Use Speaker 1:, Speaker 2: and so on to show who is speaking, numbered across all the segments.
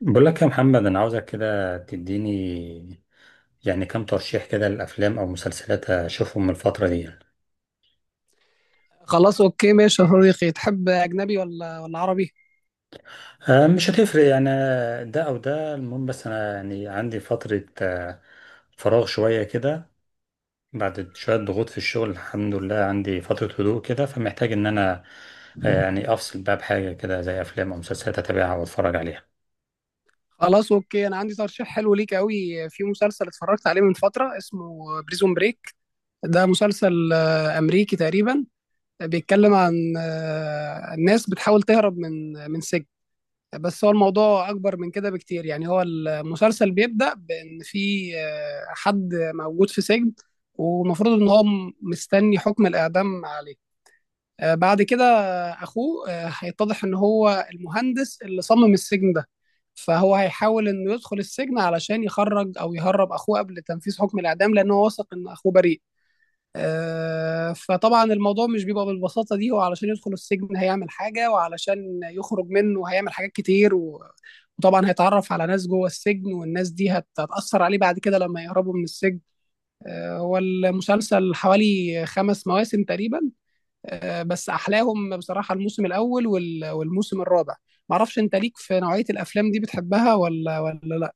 Speaker 1: بقول لك يا محمد، انا عاوزك كده تديني يعني كام ترشيح كده للافلام او مسلسلات اشوفهم من الفتره دي يعني.
Speaker 2: خلاص اوكي ماشي يا صديقي، تحب اجنبي ولا عربي؟
Speaker 1: مش هتفرق يعني، ده او ده المهم، بس انا يعني عندي فتره فراغ شويه كده بعد شويه ضغوط في الشغل. الحمد لله عندي فتره هدوء كده، فمحتاج ان انا يعني افصل بقى بحاجه كده زي افلام او مسلسلات اتابعها واتفرج عليها.
Speaker 2: خلاص اوكي، انا عندي ترشيح حلو ليك قوي في مسلسل اتفرجت عليه من فتره، اسمه بريزون بريك. ده مسلسل امريكي تقريبا. بيتكلم عن الناس بتحاول تهرب من سجن. بس هو الموضوع اكبر من كده بكتير، يعني هو المسلسل بيبدأ بان في حد موجود في سجن، ومفروض ان هو مستني حكم الاعدام عليه. بعد كده اخوه هيتضح ان هو المهندس اللي صمم السجن ده، فهو هيحاول انه يدخل السجن علشان يخرج او يهرب اخوه قبل تنفيذ حكم الاعدام، لان هو واثق ان اخوه بريء. فطبعا الموضوع مش بيبقى بالبساطه دي، هو علشان يدخل السجن هيعمل حاجه، وعلشان يخرج منه هيعمل حاجات كتير، وطبعا هيتعرف على ناس جوه السجن، والناس دي هتاثر عليه بعد كده لما يهربوا من السجن. هو المسلسل حوالي 5 مواسم تقريبا، بس احلاهم بصراحه الموسم الاول والموسم الرابع. ما اعرفش انت ليك في نوعيه الافلام دي بتحبها ولا لا؟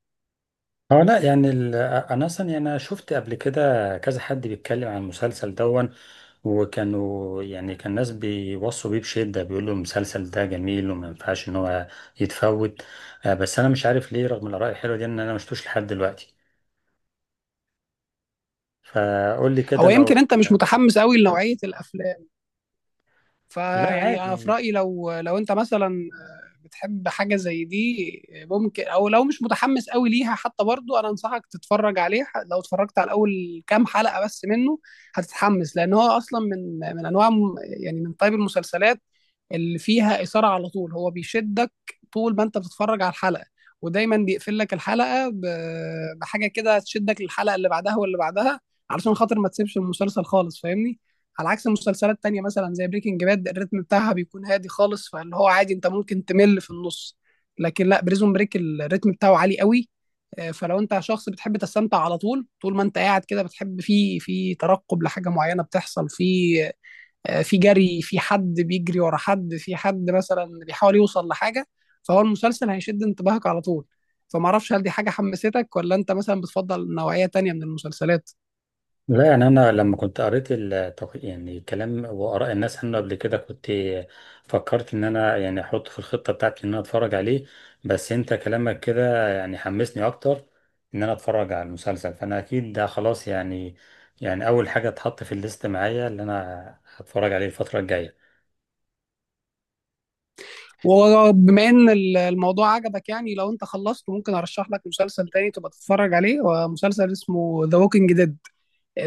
Speaker 1: اه لا، يعني انا اصلا يعني انا شفت قبل كده كذا حد بيتكلم عن المسلسل دون، وكانوا يعني كان ناس بيوصوا بيه بشده، بيقولوا المسلسل ده جميل وما ينفعش ان هو يتفوت. بس انا مش عارف ليه رغم الاراء الحلوه دي ان انا ما شفتوش لحد دلوقتي. فقول لي كده
Speaker 2: هو يمكن
Speaker 1: لو.
Speaker 2: انت مش متحمس قوي لنوعيه الافلام،
Speaker 1: لا
Speaker 2: فيعني انا في
Speaker 1: عادي.
Speaker 2: رايي لو انت مثلا بتحب حاجة زي دي ممكن، او لو مش متحمس قوي ليها حتى برضو انا انصحك تتفرج عليه. لو اتفرجت على اول كام حلقة بس منه هتتحمس، لان هو اصلا من انواع يعني من طيب المسلسلات اللي فيها إثارة على طول، هو بيشدك طول ما انت بتتفرج على الحلقة، ودايما بيقفل لك الحلقة بحاجة كده تشدك للحلقة اللي بعدها واللي بعدها، علشان خاطر ما تسيبش المسلسل خالص، فاهمني. على عكس مسلسلات تانية مثلا زي بريكنج باد، الريتم بتاعها بيكون هادي خالص، فاللي هو عادي انت ممكن تمل في النص. لكن لا، بريزون بريك الريتم بتاعه عالي قوي. فلو انت شخص بتحب تستمتع على طول، طول ما انت قاعد كده بتحب في ترقب لحاجة معينة بتحصل في في جري، في حد بيجري ورا حد، في حد مثلا بيحاول يوصل لحاجة، فهو المسلسل هيشد انتباهك على طول. فما اعرفش هل دي حاجة حمستك، ولا انت مثلا بتفضل نوعية تانية من المسلسلات؟
Speaker 1: لا، يعني أنا لما كنت قريت يعني كلام وآراء الناس عنه قبل كده، كنت فكرت إن أنا يعني أحطه في الخطة بتاعتي إن أنا أتفرج عليه. بس أنت كلامك كده يعني حمسني أكتر إن أنا أتفرج على المسلسل، فأنا أكيد ده خلاص، يعني يعني أول حاجة اتحط في الليست معايا اللي أنا هتفرج عليه الفترة الجاية.
Speaker 2: وبما ان الموضوع عجبك، يعني لو انت خلصت ممكن ارشح لك مسلسل تاني تبقى تتفرج عليه، ومسلسل اسمه ذا ووكينج ديد.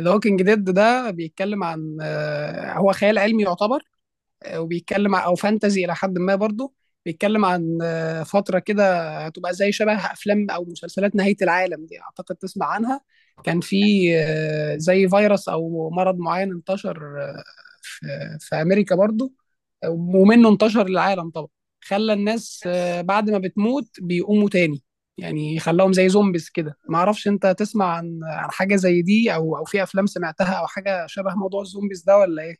Speaker 2: ذا ووكينج ديد ده بيتكلم عن هو خيال علمي يعتبر، وبيتكلم او فانتزي الى حد ما برضه. بيتكلم عن فتره كده هتبقى زي شبه افلام او مسلسلات نهايه العالم دي، اعتقد تسمع عنها. كان في زي فيروس او مرض معين انتشر، في في امريكا برضه، ومنه انتشر للعالم طبعا. خلى الناس بعد ما بتموت بيقوموا تاني، يعني خلاهم زي زومبيز كده. ما اعرفش انت تسمع عن حاجه زي دي، او في افلام سمعتها او حاجه شبه موضوع الزومبيز ده ولا ايه؟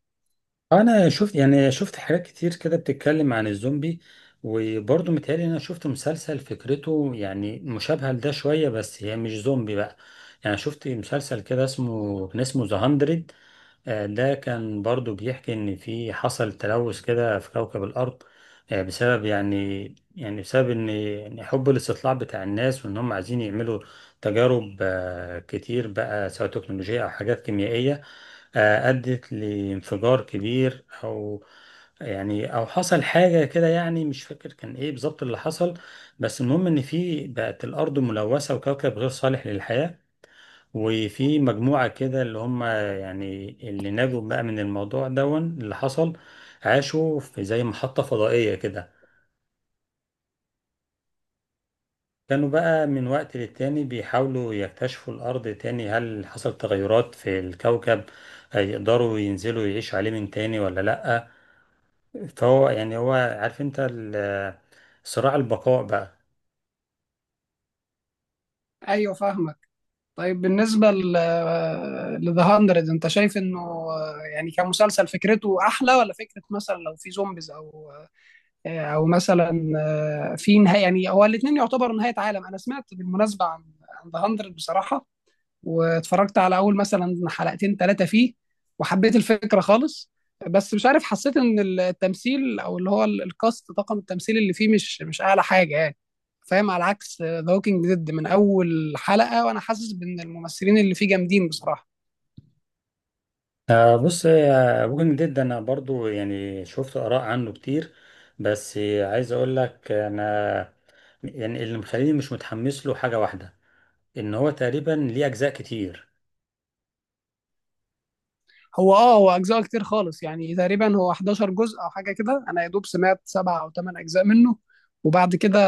Speaker 1: انا شفت يعني شفت حاجات كتير كده بتتكلم عن الزومبي، وبرضه متهيألي إن انا شفت مسلسل فكرته يعني مشابهة لده شوية، بس هي مش زومبي بقى. يعني شفت مسلسل كده اسمه كان اسمه ذا 100. ده كان برضو بيحكي إن في حصل تلوث كده في كوكب الأرض، بسبب يعني بسبب إن حب الاستطلاع بتاع الناس، وإن هم عايزين يعملوا تجارب كتير بقى، سواء تكنولوجية أو حاجات كيميائية، أدت لانفجار كبير أو يعني أو حصل حاجة كده. يعني مش فاكر كان إيه بالظبط اللي حصل، بس المهم إن في بقت الأرض ملوثة وكوكب غير صالح للحياة. وفي مجموعة كده اللي هم يعني اللي نجوا بقى من الموضوع دون اللي حصل، عاشوا في زي محطة فضائية كده. كانوا بقى من وقت للتاني بيحاولوا يكتشفوا الأرض تاني، هل حصل تغيرات في الكوكب، هيقدروا ينزلوا يعيشوا عليه من تاني ولا لأ. فهو يعني هو عارف انت صراع البقاء بقى.
Speaker 2: ايوه فاهمك. طيب بالنسبة ل ذا 100 انت شايف انه يعني كمسلسل فكرته احلى، ولا فكرة مثلا لو في زومبيز او او مثلا في نهاية، يعني هو الاثنين يعتبر نهاية عالم. انا سمعت بالمناسبة عن ذا 100 بصراحة، واتفرجت على اول مثلا حلقتين ثلاثه فيه، وحبيت الفكره خالص، بس مش عارف، حسيت ان التمثيل او اللي هو الكاست، طاقم التمثيل اللي فيه مش اعلى حاجه يعني، فاهم؟ على عكس ذا ووكينج ديد، من اول حلقه وانا حاسس بان الممثلين اللي فيه جامدين بصراحه.
Speaker 1: بص يا ووكينج ديد، انا برضو يعني شفت اراء عنه كتير، بس عايز اقول لك انا يعني اللي مخليني مش متحمس له حاجة واحدة، ان هو تقريبا ليه اجزاء كتير.
Speaker 2: هو هو اجزاء كتير خالص، يعني تقريبا هو 11 جزء او حاجه كده، انا يا دوب سمعت سبعة او ثمان اجزاء منه. وبعد كده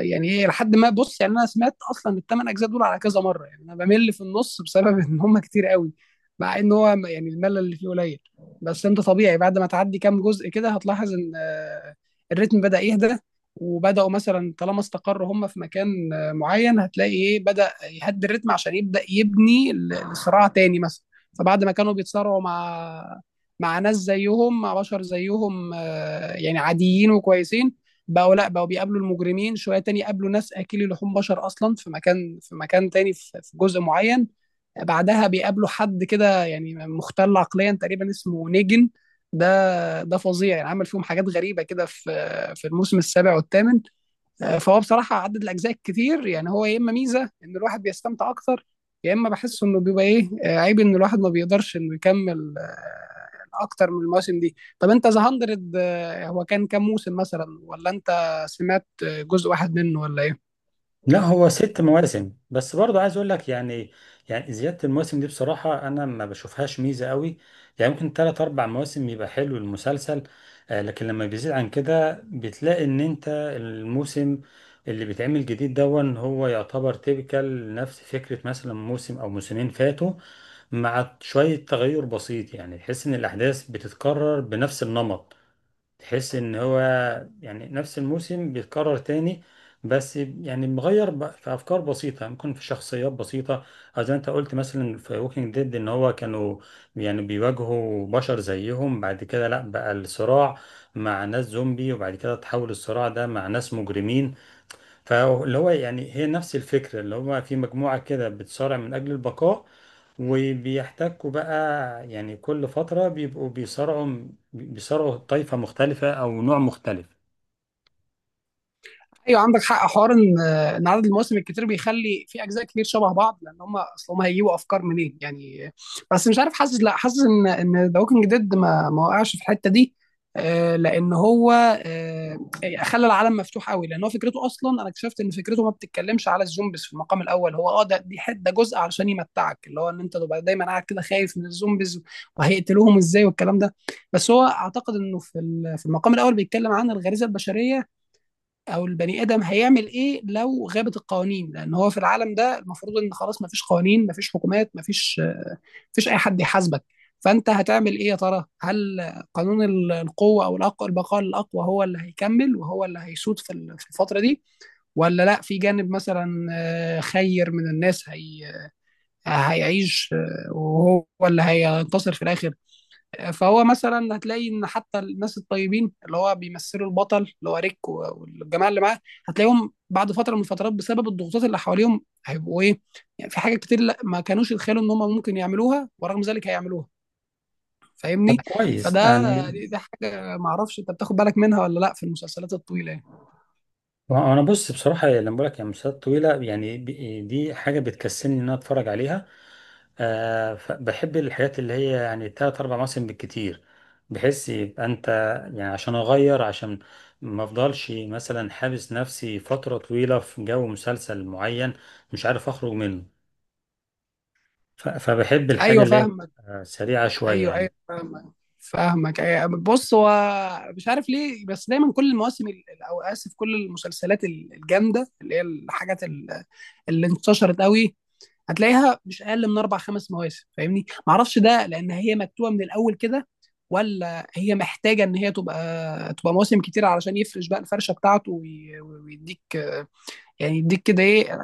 Speaker 2: يعني ايه، لحد ما، بص يعني انا سمعت اصلا الثمان اجزاء دول على كذا مره، يعني انا بمل في النص بسبب ان هم كتير قوي، مع ان هو يعني الملل اللي فيه قليل. بس انت طبيعي بعد ما تعدي كام جزء كده هتلاحظ ان الريتم بدأ يهدى، وبدأوا مثلا طالما استقروا هم في مكان معين، هتلاقي ايه، بدأ يهدي الريتم عشان يبدأ يبني الصراع تاني مثلا. فبعد ما كانوا بيتصارعوا مع ناس زيهم، مع بشر زيهم يعني عاديين وكويسين، بقوا لا، بقوا بيقابلوا المجرمين شويه تاني، قابلوا ناس اكلي لحوم بشر اصلا في مكان تاني، في جزء معين. بعدها بيقابلوا حد كده يعني مختل عقليا تقريبا، اسمه نيجن. ده فظيع، يعني عمل فيهم حاجات غريبه كده في الموسم السابع والثامن. فهو بصراحه عدد الاجزاء كتير، يعني هو يا اما ميزه ان الواحد بيستمتع اكتر، يا اما بحس انه بيبقى ايه، عيب ان الواحد ما بيقدرش انه يكمل اكتر من المواسم دي. طب انت ذا 100 هو كان كام موسم مثلا، ولا انت سمعت جزء واحد منه ولا ايه؟
Speaker 1: لا هو ست مواسم، بس برضه عايز اقول لك يعني يعني زيادة المواسم دي بصراحة انا ما بشوفهاش ميزة قوي. يعني ممكن تلات اربع مواسم يبقى حلو المسلسل، لكن لما بيزيد عن كده بتلاقي ان انت الموسم اللي بيتعمل جديد دون هو يعتبر تيبيكال نفس فكرة مثلا موسم او موسمين فاتوا، مع شوية تغير بسيط. يعني تحس ان الاحداث بتتكرر بنفس النمط، تحس ان هو يعني نفس الموسم بيتكرر تاني، بس يعني مغير في افكار بسيطه، ممكن في شخصيات بسيطه، او زي ما انت قلت مثلا في ووكينج ديد ان هو كانوا يعني بيواجهوا بشر زيهم، بعد كده لا بقى الصراع مع ناس زومبي، وبعد كده تحول الصراع ده مع ناس مجرمين. فاللي هو يعني هي نفس الفكرة، اللي هو في مجموعة كده بتصارع من أجل البقاء، وبيحتكوا بقى يعني كل فترة بيبقوا بيصارعوا طائفة مختلفة أو نوع مختلف.
Speaker 2: ايوه عندك حق، حوار ان عدد المواسم الكتير بيخلي في اجزاء كتير شبه بعض، لان هم اصل هم هيجيبوا افكار منين يعني. بس مش عارف، حاسس لا، حاسس ان ذا ووكينج ديد ما وقعش في الحته دي. لان هو يعني خلى العالم مفتوح قوي، لان هو فكرته اصلا، انا اكتشفت ان فكرته ما بتتكلمش على الزومبيز في المقام الاول، هو ده دي حته ده جزء علشان يمتعك، اللي هو ان انت تبقى دايما قاعد كده خايف من الزومبيز وهيقتلوهم ازاي والكلام ده. بس هو اعتقد انه في في المقام الاول بيتكلم عن الغريزه البشريه، او البني ادم هيعمل ايه لو غابت القوانين، لان هو في العالم ده المفروض ان خلاص مفيش قوانين، مفيش حكومات، مفيش مفيش اي حد يحاسبك. فانت هتعمل ايه يا ترى؟ هل قانون القوه او البقاء للاقوى هو اللي هيكمل وهو اللي هيسود في في الفتره دي، ولا لا، في جانب مثلا خير من الناس هي هيعيش وهو اللي هينتصر في الاخر. فهو مثلا هتلاقي ان حتى الناس الطيبين اللي هو بيمثلوا البطل، اللي هو ريك والجماعه اللي معاه، هتلاقيهم بعد فتره من الفترات بسبب الضغوطات اللي حواليهم هيبقوا ايه، يعني في حاجات كتير لا ما كانوش يتخيلوا ان هم ممكن يعملوها ورغم ذلك هيعملوها،
Speaker 1: طب
Speaker 2: فاهمني؟
Speaker 1: كويس
Speaker 2: فده،
Speaker 1: يعني.
Speaker 2: دي حاجه ما اعرفش انت بتاخد بالك منها ولا لا في المسلسلات الطويله يعني.
Speaker 1: وأنا بص بصراحة لما بقولك يعني مسلسلات طويلة، يعني دي حاجة بتكسلني إن أنا أتفرج عليها، بحب الحاجات اللي هي يعني تلات أربع مواسم بالكتير، بحيث يبقى أنت يعني عشان أغير، عشان ما أفضلش مثلا حابس نفسي فترة طويلة في جو مسلسل معين مش عارف أخرج منه. فبحب الحاجة
Speaker 2: ايوه
Speaker 1: اللي هي
Speaker 2: فاهمك.
Speaker 1: سريعة شوية
Speaker 2: ايوه ايوه
Speaker 1: يعني.
Speaker 2: فاهمك. فاهمك أيوة. بص هو مش عارف ليه، بس دايما كل المواسم او اسف كل المسلسلات الجامده، اللي هي الحاجات اللي انتشرت قوي، هتلاقيها مش اقل من اربع خمس مواسم، فاهمني؟ ما اعرفش ده لان هي مكتوبه من الاول كده، ولا هي محتاجه ان هي تبقى مواسم كتير علشان يفرش بقى الفرشه بتاعته ويديك، يعني يديك كده ايه،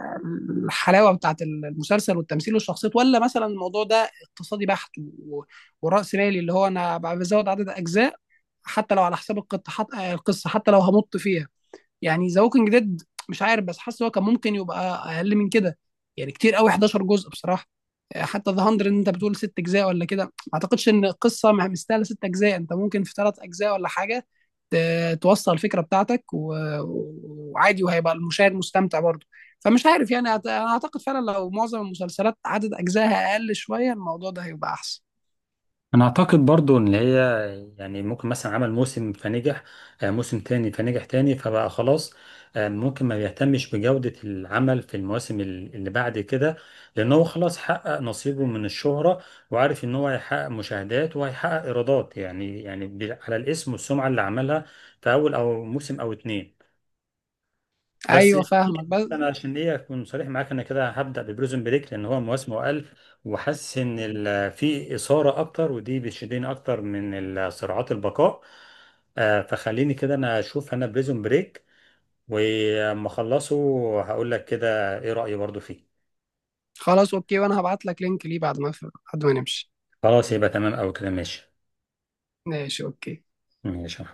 Speaker 2: الحلاوه بتاعت المسلسل والتمثيل والشخصيات، ولا مثلا الموضوع ده اقتصادي بحت، وراس مالي، اللي هو انا بزود عدد اجزاء حتى لو على حساب القصه، حتى لو همط فيها. يعني ذا ووكينج ديد مش عارف، بس حاسس هو كان ممكن يبقى اقل من كده. يعني كتير قوي 11 جزء بصراحه. حتى ذا 100 انت بتقول 6 اجزاء ولا كده، ما اعتقدش ان القصه مستاهله ست اجزاء، انت ممكن في 3 اجزاء ولا حاجه توصل الفكره بتاعتك وعادي، وهيبقى المشاهد مستمتع برضه. فمش عارف يعني انا اعتقد فعلا لو معظم المسلسلات عدد اجزائها اقل شويه الموضوع ده هيبقى احسن.
Speaker 1: انا اعتقد برضو ان هي يعني ممكن مثلا عمل موسم فنجح، موسم تاني فنجح تاني، فبقى خلاص. ممكن ما بيهتمش بجودة العمل في المواسم اللي بعد كده، لان هو خلاص حقق نصيبه من الشهرة، وعارف ان هو هيحقق مشاهدات وهيحقق ايرادات. يعني يعني على الاسم والسمعة اللي عملها في اول او موسم او اتنين. بس
Speaker 2: ايوه فاهمك بس.
Speaker 1: انا عشان ليه اكون صريح معاك، انا كده هبدا ببريزون بريك لان هو مواسمه اقل، وحاسس ان في اثاره اكتر، ودي بتشدني اكتر من صراعات البقاء. فخليني كده انا اشوف انا بريزون بريك، ولما اخلصه هقول لك كده ايه رايي برضو فيه.
Speaker 2: خلاص اوكي، وانا هبعت لك لينك ليه بعد ما نمشي.
Speaker 1: خلاص، يبقى تمام، او كده ماشي.
Speaker 2: ماشي اوكي.
Speaker 1: ماشي.